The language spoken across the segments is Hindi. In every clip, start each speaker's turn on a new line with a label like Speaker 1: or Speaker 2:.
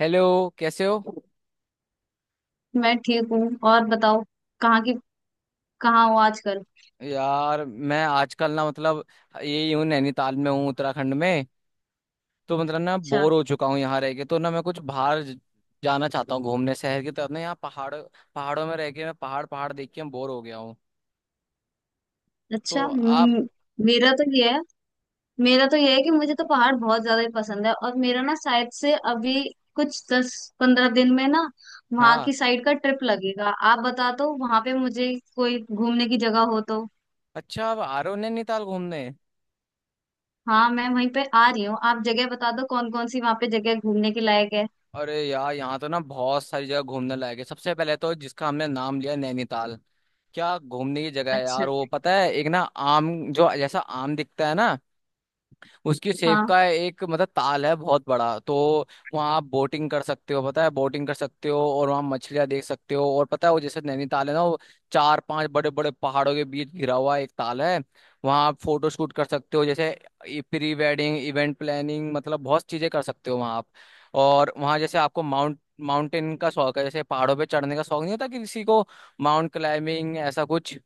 Speaker 1: हेलो। कैसे हो।
Speaker 2: मैं ठीक हूँ और बताओ। कहाँ की? कहाँ हो आजकल?
Speaker 1: यार, मैं आजकल ना मतलब यही हूँ, नैनीताल में हूँ उत्तराखंड में। तो मतलब ना,
Speaker 2: अच्छा।
Speaker 1: बोर हो चुका हूँ यहाँ रह के, तो ना मैं कुछ बाहर जाना चाहता हूँ घूमने, शहर की तरफ ना। यहाँ पहाड़, पहाड़ों में रह के मैं पहाड़, पहाड़ देख के मैं बोर हो गया हूँ।
Speaker 2: अच्छा।
Speaker 1: तो आप।
Speaker 2: मेरा तो ये है मेरा तो ये है कि मुझे तो पहाड़ बहुत ज्यादा ही पसंद है। और मेरा ना शायद से अभी कुछ 10-15 दिन में ना वहाँ
Speaker 1: हाँ,
Speaker 2: की साइड का ट्रिप लगेगा। आप बता दो वहाँ पे मुझे कोई घूमने की जगह हो तो।
Speaker 1: अच्छा, आप आ रहे हो नैनीताल घूमने?
Speaker 2: हाँ, मैं वहीं पे आ रही हूँ। आप जगह बता दो कौन कौन सी वहाँ पे जगह घूमने के लायक है।
Speaker 1: अरे यार, यहाँ तो ना बहुत सारी जगह घूमने लायक है। सबसे पहले तो, जिसका हमने नाम लिया, नैनीताल। क्या घूमने की जगह है
Speaker 2: अच्छा।
Speaker 1: यार, वो पता है एक ना, आम। जो जैसा आम दिखता है ना, उसकी सेव
Speaker 2: हाँ।
Speaker 1: का एक मतलब, ताल है बहुत बड़ा। तो वहाँ आप बोटिंग कर सकते हो, पता है बोटिंग कर सकते हो, और वहाँ मछलियाँ देख सकते हो। और पता है वो, जैसे नैनीताल है ना, वो चार पांच बड़े बड़े पहाड़ों के बीच घिरा हुआ एक ताल है। वहाँ आप फोटो शूट कर सकते हो, जैसे प्री वेडिंग, इवेंट प्लानिंग, मतलब बहुत चीजें कर सकते हो वहाँ आप। और वहाँ जैसे आपको माउंटेन का शौक है, जैसे पहाड़ों पे चढ़ने का शौक नहीं होता कि किसी को, माउंट क्लाइंबिंग, ऐसा कुछ।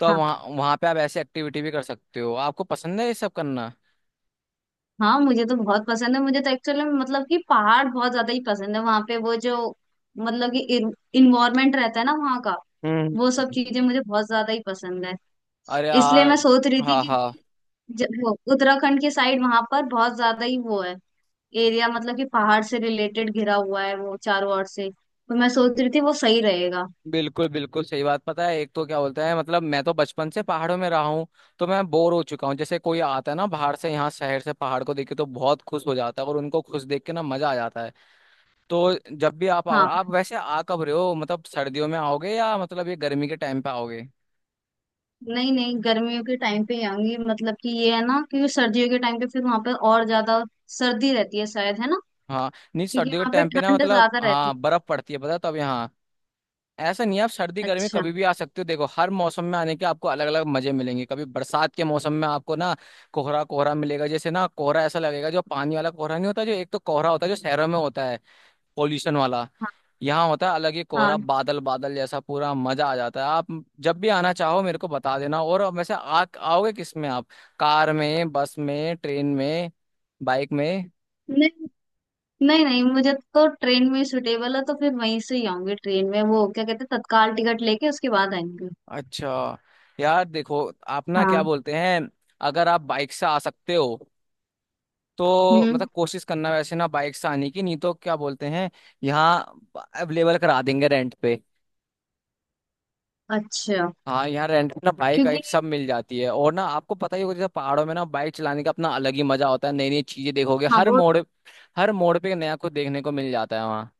Speaker 1: तो
Speaker 2: हाँ,
Speaker 1: वहाँ वहाँ पे आप ऐसी एक्टिविटी भी कर सकते हो, आपको पसंद है ये सब करना?
Speaker 2: हाँ मुझे तो बहुत पसंद है। मुझे तो एक्चुअली मतलब कि पहाड़ बहुत ज्यादा ही पसंद है। वहां पे वो जो मतलब कि इन्वायरमेंट रहता है ना वहाँ का, वो सब
Speaker 1: हम्म।
Speaker 2: चीजें मुझे बहुत ज्यादा ही पसंद है।
Speaker 1: अरे
Speaker 2: इसलिए
Speaker 1: यार।
Speaker 2: मैं सोच रही थी
Speaker 1: हाँ, हाँ,
Speaker 2: क्योंकि वो उत्तराखंड के साइड वहां पर बहुत ज्यादा ही वो है एरिया, मतलब कि पहाड़ से रिलेटेड घिरा हुआ है वो चारों ओर से। तो मैं सोच रही थी वो सही रहेगा।
Speaker 1: बिल्कुल, बिल्कुल, सही बात। पता है एक तो क्या बोलता है मतलब, मैं तो बचपन से पहाड़ों में रहा हूँ। तो मैं बोर हो चुका हूँ, जैसे कोई आता है ना बाहर से, यहाँ शहर से, पहाड़ को देख के तो बहुत खुश हो जाता है, और उनको खुश देख के ना मजा आ जाता है। तो जब भी आप आओ,
Speaker 2: हाँ,
Speaker 1: आप वैसे आ कब रहे हो, मतलब सर्दियों में आओगे, या मतलब ये गर्मी के टाइम पे आओगे?
Speaker 2: नहीं नहीं, गर्मियों के टाइम पे ही आऊंगी। मतलब कि ये है ना क्योंकि सर्दियों के टाइम पे फिर वहां पर और ज्यादा सर्दी रहती है शायद, है ना?
Speaker 1: हाँ। नहीं,
Speaker 2: क्योंकि
Speaker 1: सर्दियों के
Speaker 2: यहाँ पे
Speaker 1: टाइम पे ना
Speaker 2: ठंड
Speaker 1: मतलब,
Speaker 2: ज्यादा रहती
Speaker 1: हाँ, बर्फ पड़ती है पता है तब यहाँ। ऐसा नहीं है, आप सर्दी
Speaker 2: है।
Speaker 1: गर्मी
Speaker 2: अच्छा।
Speaker 1: कभी भी आ सकते हो। देखो, हर मौसम में आने के आपको अलग अलग मजे मिलेंगे। कभी बरसात के मौसम में आपको ना कोहरा कोहरा मिलेगा, जैसे ना कोहरा ऐसा लगेगा, जो पानी वाला कोहरा नहीं होता, जो एक तो कोहरा होता है जो शहरों में होता है, पोल्यूशन वाला।
Speaker 2: हाँ।
Speaker 1: यहाँ होता है अलग ही कोहरा,
Speaker 2: हाँ।
Speaker 1: बादल बादल जैसा, पूरा मजा आ जाता है। आप जब भी आना चाहो, मेरे को बता देना। और वैसे आ आओगे किस में आप, कार में, बस में, ट्रेन में, बाइक में?
Speaker 2: नहीं नहीं, नहीं मुझे तो ट्रेन में सूटेबल है तो फिर वहीं से ही आऊंगी ट्रेन में। वो क्या कहते हैं तत्काल टिकट लेके उसके बाद आएंगे।
Speaker 1: अच्छा। यार देखो, आप ना क्या
Speaker 2: हाँ।
Speaker 1: बोलते हैं, अगर आप बाइक से आ सकते हो, तो
Speaker 2: हम्म।
Speaker 1: मतलब कोशिश करना वैसे ना बाइक से आने की, नहीं तो क्या बोलते हैं, यहाँ अवेलेबल करा देंगे रेंट पे।
Speaker 2: अच्छा।
Speaker 1: हाँ, यहाँ रेंट पे ना बाइक
Speaker 2: क्योंकि
Speaker 1: एक सब मिल जाती है। और ना आपको पता ही होगा, जैसे पहाड़ों में ना बाइक चलाने का अपना अलग ही मजा होता है, नई नई चीजें देखोगे,
Speaker 2: हाँ वो।
Speaker 1: हर मोड़ पे नया कुछ देखने को मिल जाता है वहाँ।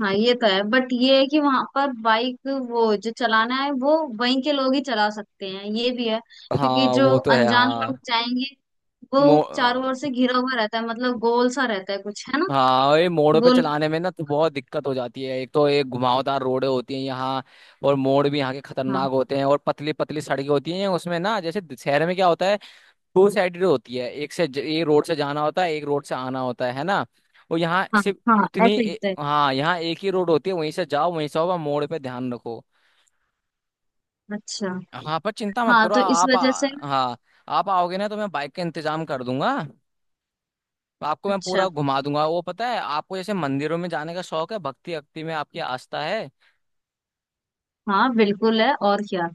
Speaker 2: हाँ ये तो है, बट ये है कि वहां पर बाइक वो जो चलाना है वो वहीं के लोग ही चला सकते हैं, ये भी है। क्योंकि
Speaker 1: हाँ,
Speaker 2: जो
Speaker 1: वो तो है,
Speaker 2: अनजान लोग
Speaker 1: हाँ।
Speaker 2: जाएंगे,
Speaker 1: मो
Speaker 2: वो चारों ओर से घिरा हुआ रहता है मतलब गोल सा रहता है कुछ, है ना?
Speaker 1: हाँ, और ये मोड़ों पे
Speaker 2: गोल।
Speaker 1: चलाने में ना तो बहुत दिक्कत हो जाती है, एक तो ये घुमावदार रोडें होती हैं यहाँ। और मोड़ भी यहाँ के
Speaker 2: हाँ।
Speaker 1: खतरनाक होते हैं, और पतली पतली सड़कें होती हैं उसमें ना, जैसे शहर में क्या होता है, टू साइडेड होती है, एक रोड से जाना होता है, एक रोड से आना होता है ना। और यहाँ
Speaker 2: हाँ,
Speaker 1: सिर्फ
Speaker 2: हाँ
Speaker 1: उतनी
Speaker 2: ऐसे ही होता है।
Speaker 1: हाँ, यहाँ एक ही रोड होती है, वहीं से जाओ वहीं से आओ, पर मोड़ पे ध्यान रखो।
Speaker 2: अच्छा।
Speaker 1: हाँ, पर चिंता मत
Speaker 2: हाँ
Speaker 1: करो।
Speaker 2: तो इस
Speaker 1: आप
Speaker 2: वजह से।
Speaker 1: हाँ, आप आओगे ना तो मैं बाइक का इंतजाम कर दूंगा। आपको मैं
Speaker 2: अच्छा।
Speaker 1: पूरा घुमा दूंगा। वो पता है, आपको जैसे मंदिरों में जाने का शौक है, भक्ति भक्ति में आपकी आस्था है।
Speaker 2: हाँ बिल्कुल है, और क्या?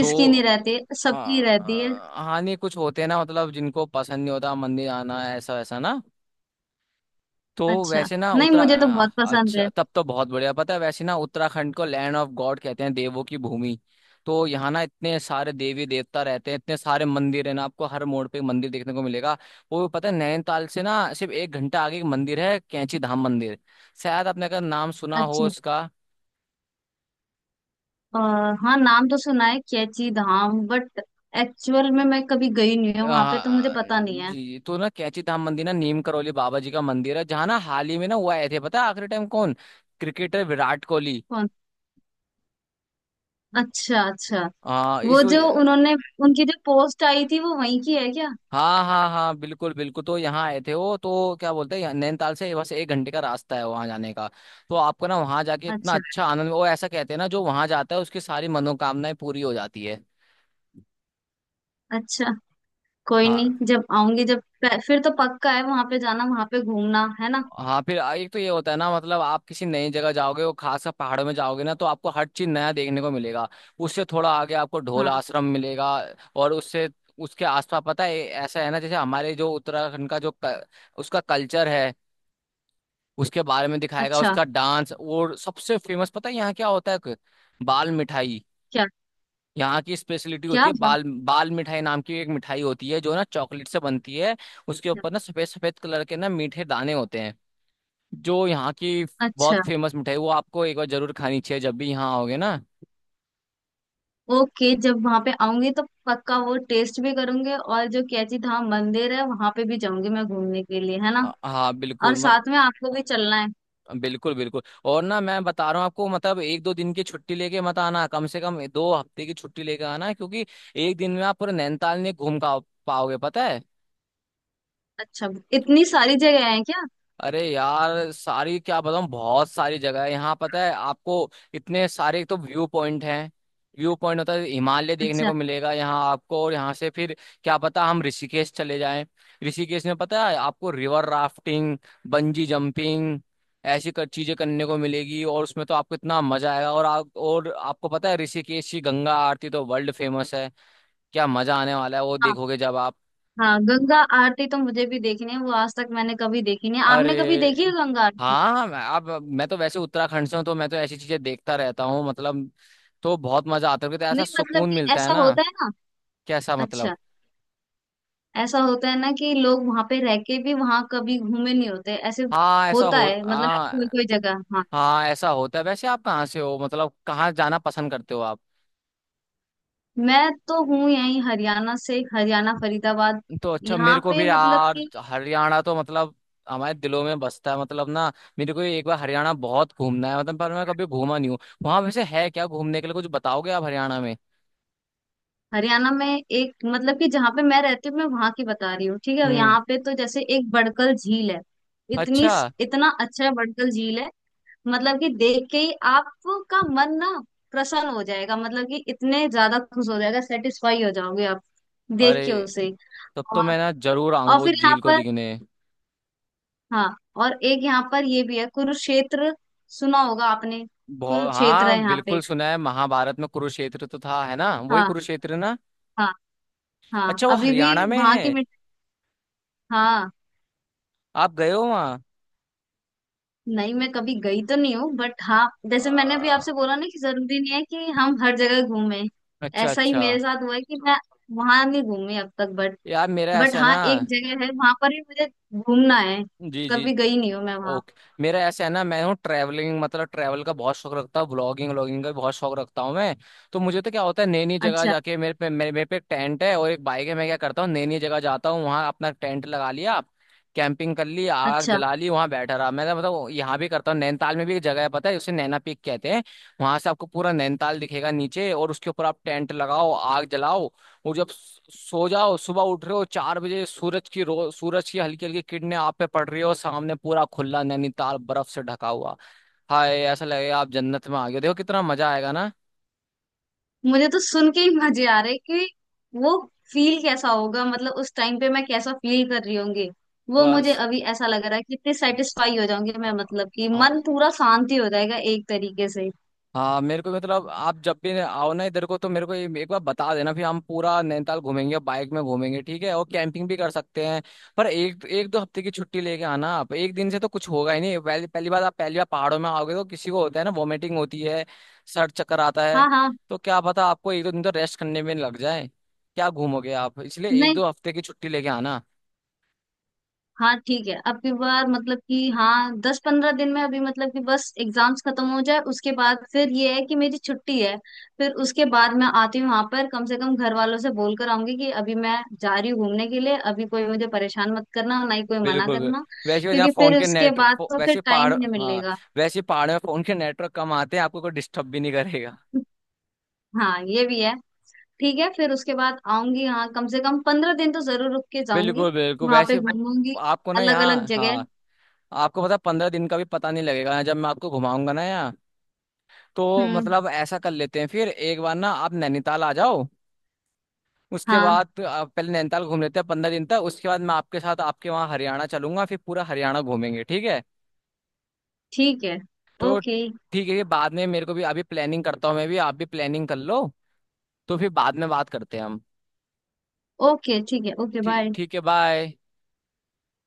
Speaker 1: तो
Speaker 2: नहीं रहती है, सबकी रहती है।
Speaker 1: हाँ, हाँ, नहीं, कुछ होते हैं ना मतलब जिनको पसंद नहीं होता मंदिर आना ऐसा वैसा ना। तो
Speaker 2: अच्छा।
Speaker 1: वैसे ना
Speaker 2: नहीं मुझे तो बहुत पसंद है।
Speaker 1: अच्छा, तब तो बहुत बढ़िया। पता है वैसे ना, उत्तराखंड को लैंड ऑफ गॉड कहते हैं, देवों की भूमि। तो यहाँ ना इतने सारे देवी देवता रहते हैं, इतने सारे मंदिर है ना, आपको हर मोड़ पे मंदिर देखने को मिलेगा। वो पता है, नैनीताल से ना सिर्फ 1 घंटा आगे एक मंदिर है, कैंची धाम मंदिर। शायद आपने का नाम सुना हो
Speaker 2: अच्छा।
Speaker 1: इसका।
Speaker 2: आ, हाँ नाम तो सुना है कैची धाम, बट एक्चुअल में मैं कभी गई नहीं हूँ वहां पे तो मुझे पता नहीं है।
Speaker 1: जी, तो ना कैंची धाम मंदिर ना नीम करौली बाबा जी का मंदिर है, जहाँ ना हाल ही में ना वो आए थे, पता है आखिरी टाइम कौन? क्रिकेटर विराट कोहली।
Speaker 2: कौन? अच्छा। अच्छा। वो
Speaker 1: इस
Speaker 2: जो
Speaker 1: वजह।
Speaker 2: उन्होंने उनकी जो पोस्ट आई थी वो वहीं की है क्या?
Speaker 1: हाँ, हाँ, हाँ, बिल्कुल, बिल्कुल, तो यहाँ आए थे वो। तो क्या बोलते हैं नैनीताल से बस 1 घंटे का रास्ता है वहाँ जाने का। तो आपको ना वहाँ जाके इतना
Speaker 2: अच्छा।
Speaker 1: अच्छा आनंद, वो ऐसा कहते हैं ना, जो वहाँ जाता है उसकी सारी मनोकामनाएं पूरी हो जाती है।
Speaker 2: अच्छा। कोई
Speaker 1: हाँ,
Speaker 2: नहीं, जब आऊंगी जब फिर तो पक्का है वहां पे जाना, वहां पे घूमना, है ना?
Speaker 1: हाँ, फिर एक तो ये होता है ना मतलब, आप किसी नई जगह जाओगे, वो खासकर पहाड़ों में जाओगे ना, तो आपको हर चीज नया देखने को मिलेगा। उससे थोड़ा आगे आपको ढोल
Speaker 2: हाँ।
Speaker 1: आश्रम मिलेगा। और उससे उसके आसपास पता है, ऐसा है ना, जैसे हमारे जो उत्तराखंड का जो उसका कल्चर है, उसके बारे में दिखाएगा
Speaker 2: अच्छा।
Speaker 1: उसका डांस। और सबसे फेमस पता है यहाँ क्या होता है, बाल मिठाई।
Speaker 2: क्या?
Speaker 1: यहाँ की स्पेशलिटी होती
Speaker 2: क्या
Speaker 1: है,
Speaker 2: बात
Speaker 1: बाल बाल मिठाई नाम की एक मिठाई होती है, जो ना चॉकलेट से बनती है। उसके
Speaker 2: है।
Speaker 1: ऊपर ना सफेद सफेद कलर के ना मीठे दाने होते हैं। जो यहाँ की
Speaker 2: अच्छा।
Speaker 1: बहुत फेमस मिठाई, वो आपको एक बार जरूर खानी चाहिए, जब भी यहाँ आओगे ना।
Speaker 2: ओके, जब वहां पे आऊंगी तो पक्का वो टेस्ट भी करूंगी, और जो कैची धाम मंदिर है वहां पे भी जाऊंगी मैं घूमने के लिए, है ना?
Speaker 1: हाँ,
Speaker 2: और
Speaker 1: बिल्कुल, मत।
Speaker 2: साथ में आपको भी चलना है।
Speaker 1: बिल्कुल, बिल्कुल। और ना मैं बता रहा हूँ आपको, मतलब एक दो दिन की छुट्टी लेके मत आना, कम से कम 2 हफ्ते की छुट्टी लेके आना, क्योंकि 1 दिन में आप पूरे नैनीताल नहीं घूम पाओगे, पता है।
Speaker 2: अच्छा। इतनी सारी जगह है क्या?
Speaker 1: अरे यार, सारी क्या बताऊं, बहुत सारी जगह है यहाँ, पता है आपको। इतने सारे एक तो व्यू पॉइंट हैं, व्यू पॉइंट होता है, हिमालय देखने
Speaker 2: अच्छा।
Speaker 1: को मिलेगा यहाँ आपको। और यहाँ से फिर क्या पता हम ऋषिकेश चले जाएं। ऋषिकेश में पता है आपको, रिवर राफ्टिंग, बंजी जंपिंग, ऐसी कर चीजें करने को मिलेगी, और उसमें तो आपको इतना मजा आएगा। और आपको पता है, ऋषिकेश की गंगा आरती तो वर्ल्ड फेमस है। क्या मजा आने वाला है वो
Speaker 2: हाँ।
Speaker 1: देखोगे जब आप।
Speaker 2: हाँ गंगा आरती तो मुझे भी देखनी है, वो आज तक मैंने कभी देखी नहीं है। आपने कभी देखी है
Speaker 1: अरे,
Speaker 2: गंगा आरती?
Speaker 1: हाँ, मैं अब मैं तो वैसे उत्तराखंड से हूँ, तो मैं तो ऐसी चीजें देखता रहता हूँ मतलब, तो बहुत मजा आता है, तो ऐसा
Speaker 2: नहीं मतलब
Speaker 1: सुकून
Speaker 2: कि
Speaker 1: मिलता है
Speaker 2: ऐसा
Speaker 1: ना।
Speaker 2: होता है ना।
Speaker 1: कैसा मतलब?
Speaker 2: अच्छा। ऐसा होता है ना कि लोग वहां पे रह के भी वहां कभी घूमे नहीं होते ऐसे।
Speaker 1: हाँ, ऐसा
Speaker 2: होता
Speaker 1: हो
Speaker 2: है मतलब कोई
Speaker 1: हाँ,
Speaker 2: कोई जगह। हाँ।
Speaker 1: हाँ ऐसा होता है, वैसे आप कहाँ से हो, मतलब कहाँ जाना पसंद करते हो आप?
Speaker 2: मैं तो हूँ यहीं हरियाणा से, हरियाणा फरीदाबाद।
Speaker 1: तो अच्छा,
Speaker 2: यहाँ
Speaker 1: मेरे को
Speaker 2: पे
Speaker 1: भी
Speaker 2: मतलब
Speaker 1: यार
Speaker 2: कि
Speaker 1: हरियाणा तो मतलब हमारे दिलों में बसता है मतलब ना। मेरे को ये एक बार हरियाणा बहुत घूमना है मतलब, पर मैं कभी घूमा नहीं हूँ। वहां वैसे है क्या घूमने के लिए, कुछ बताओगे आप हरियाणा में?
Speaker 2: हरियाणा में, एक मतलब कि जहाँ पे मैं रहती हूँ मैं वहां की बता रही हूँ ठीक है,
Speaker 1: हम्म।
Speaker 2: यहाँ पे तो जैसे एक बड़कल झील है। इतनी,
Speaker 1: अच्छा।
Speaker 2: इतना अच्छा बड़कल झील है, मतलब कि देख के ही आपका मन ना प्रसन्न हो जाएगा, मतलब कि इतने ज्यादा खुश हो जाएगा, सेटिस्फाई हो जाओगे आप
Speaker 1: अरे,
Speaker 2: देख के उसे।
Speaker 1: तब तो
Speaker 2: और
Speaker 1: मैं ना जरूर
Speaker 2: और
Speaker 1: आऊंगा उस
Speaker 2: फिर यहाँ
Speaker 1: झील को
Speaker 2: पर।
Speaker 1: दिखने।
Speaker 2: हाँ, और एक यहाँ पर ये भी है कुरुक्षेत्र, सुना होगा आपने।
Speaker 1: बहुत,
Speaker 2: कुरुक्षेत्र है
Speaker 1: हाँ
Speaker 2: यहाँ पे।
Speaker 1: बिल्कुल सुना है, महाभारत में कुरुक्षेत्र तो था है ना, वही
Speaker 2: हाँ,
Speaker 1: कुरुक्षेत्र ना।
Speaker 2: हाँ। हाँ
Speaker 1: अच्छा, वो
Speaker 2: अभी भी
Speaker 1: हरियाणा में
Speaker 2: वहां
Speaker 1: है?
Speaker 2: की मिट। हाँ।
Speaker 1: आप गए हो वहाँ?
Speaker 2: नहीं मैं कभी गई तो नहीं हूँ, बट हाँ जैसे मैंने अभी
Speaker 1: आ,
Speaker 2: आपसे बोला ना कि जरूरी नहीं है कि हम हर जगह घूमें।
Speaker 1: अच्छा,
Speaker 2: ऐसा ही
Speaker 1: अच्छा।
Speaker 2: मेरे साथ हुआ है कि मैं वहां नहीं घूमी अब तक, बट
Speaker 1: यार मेरा ऐसा है
Speaker 2: हाँ
Speaker 1: ना।
Speaker 2: एक जगह है वहां पर भी, मुझे घूमना है।
Speaker 1: जी, जी।
Speaker 2: कभी गई नहीं हूँ मैं वहां।
Speaker 1: ओके। मेरा ऐसा है ना, मैं हूँ ट्रैवलिंग, मतलब ट्रैवल का बहुत शौक रखता हूँ, ब्लॉगिंग, व्लॉगिंग का भी बहुत शौक रखता हूँ मैं। तो मुझे तो क्या होता है, नई नई जगह
Speaker 2: अच्छा।
Speaker 1: जाके मेरे पे एक टेंट है और एक बाइक है। मैं क्या करता हूँ, नई नई जगह जाता हूँ, वहाँ अपना टेंट लगा लिया, कैंपिंग कर ली, आग
Speaker 2: अच्छा।
Speaker 1: जला ली, वहां बैठा रहा मैं तो मतलब। यहाँ भी करता हूँ, नैनीताल में भी एक जगह है, पता है उसे नैना पीक कहते हैं। वहां से आपको पूरा नैनीताल दिखेगा नीचे, और उसके ऊपर आप टेंट लगाओ, आग जलाओ, और जब सो जाओ, सुबह उठ रहे हो 4 बजे, सूरज की हल्की हल्की किरणें आप पे पड़ रही हो, सामने पूरा खुला नैनीताल बर्फ से ढका हुआ। हाय, ऐसा लगेगा आप जन्नत में आ गए हो। देखो, कितना मजा आएगा ना।
Speaker 2: मुझे तो सुन के ही मजे आ रहे कि वो फील कैसा होगा, मतलब उस टाइम पे मैं कैसा फील कर रही होंगी वो। मुझे
Speaker 1: बस।
Speaker 2: अभी ऐसा लग रहा है कि इतनी सेटिस्फाई हो जाऊंगी मैं, मतलब कि मन
Speaker 1: हाँ,
Speaker 2: पूरा शांति हो जाएगा एक तरीके से।
Speaker 1: हाँ, मेरे को मतलब, आप जब भी आओ ना इधर को, तो मेरे को ये एक बार बता देना, फिर हम पूरा नैनीताल घूमेंगे, बाइक में घूमेंगे, ठीक है, और कैंपिंग भी कर सकते हैं। पर एक एक 2 हफ्ते की छुट्टी लेके आना, आप एक दिन से तो कुछ होगा ही नहीं। पहली पहली बार आप पहली बार पहाड़ों में आओगे तो किसी को होता है ना, वॉमिटिंग होती है, सर चक्कर आता है।
Speaker 2: हाँ। हाँ।
Speaker 1: तो क्या पता आपको एक दो दिन तो रेस्ट करने में लग जाए, क्या घूमोगे आप, इसलिए एक
Speaker 2: नहीं।
Speaker 1: दो हफ्ते की छुट्टी लेके आना।
Speaker 2: हाँ ठीक है, अब की बार मतलब कि हाँ 10-15 दिन में अभी मतलब कि बस एग्जाम्स खत्म हो जाए उसके बाद फिर ये है कि मेरी छुट्टी है। फिर उसके बाद मैं आती हूँ वहां पर, कम से कम घर वालों से बोल कर आऊंगी कि अभी मैं जा रही हूँ घूमने के लिए, अभी कोई मुझे परेशान मत करना, ना ही कोई मना
Speaker 1: बिल्कुल।
Speaker 2: करना।
Speaker 1: वैसे यहाँ
Speaker 2: क्योंकि
Speaker 1: फोन
Speaker 2: फिर
Speaker 1: के
Speaker 2: उसके
Speaker 1: नेट
Speaker 2: बाद तो फिर
Speaker 1: वैसे
Speaker 2: टाइम
Speaker 1: पहाड़
Speaker 2: ही नहीं
Speaker 1: हाँ,
Speaker 2: मिलेगा।
Speaker 1: वैसे पहाड़ में फोन के नेटवर्क कम आते हैं, आपको कोई डिस्टर्ब भी नहीं करेगा।
Speaker 2: हाँ, ये भी है। ठीक है, फिर उसके बाद आऊंगी। हाँ कम से कम 15 दिन तो जरूर रुक के जाऊंगी,
Speaker 1: बिल्कुल, बिल्कुल,
Speaker 2: वहां पे
Speaker 1: वैसे
Speaker 2: घूमूंगी
Speaker 1: आपको ना
Speaker 2: अलग अलग
Speaker 1: यहाँ,
Speaker 2: जगह।
Speaker 1: हाँ, आपको मतलब 15 दिन का भी पता नहीं लगेगा जब मैं आपको घुमाऊंगा ना यहाँ। तो
Speaker 2: हम्म।
Speaker 1: मतलब ऐसा कर लेते हैं, फिर एक बार ना आप नैनीताल आ जाओ, उसके
Speaker 2: हाँ
Speaker 1: बाद आप पहले नैनीताल घूम लेते हैं 15 दिन तक, उसके बाद मैं आपके साथ आपके वहाँ हरियाणा चलूंगा, फिर पूरा हरियाणा घूमेंगे, ठीक है।
Speaker 2: ठीक है।
Speaker 1: तो
Speaker 2: ओके।
Speaker 1: ठीक है, ये बाद में, मेरे को भी अभी प्लानिंग करता हूँ मैं भी, आप भी प्लानिंग कर लो, तो फिर बाद में बात करते हैं हम।
Speaker 2: ओके ठीक है। ओके
Speaker 1: ठीक
Speaker 2: बाय।
Speaker 1: ठीक है बाय।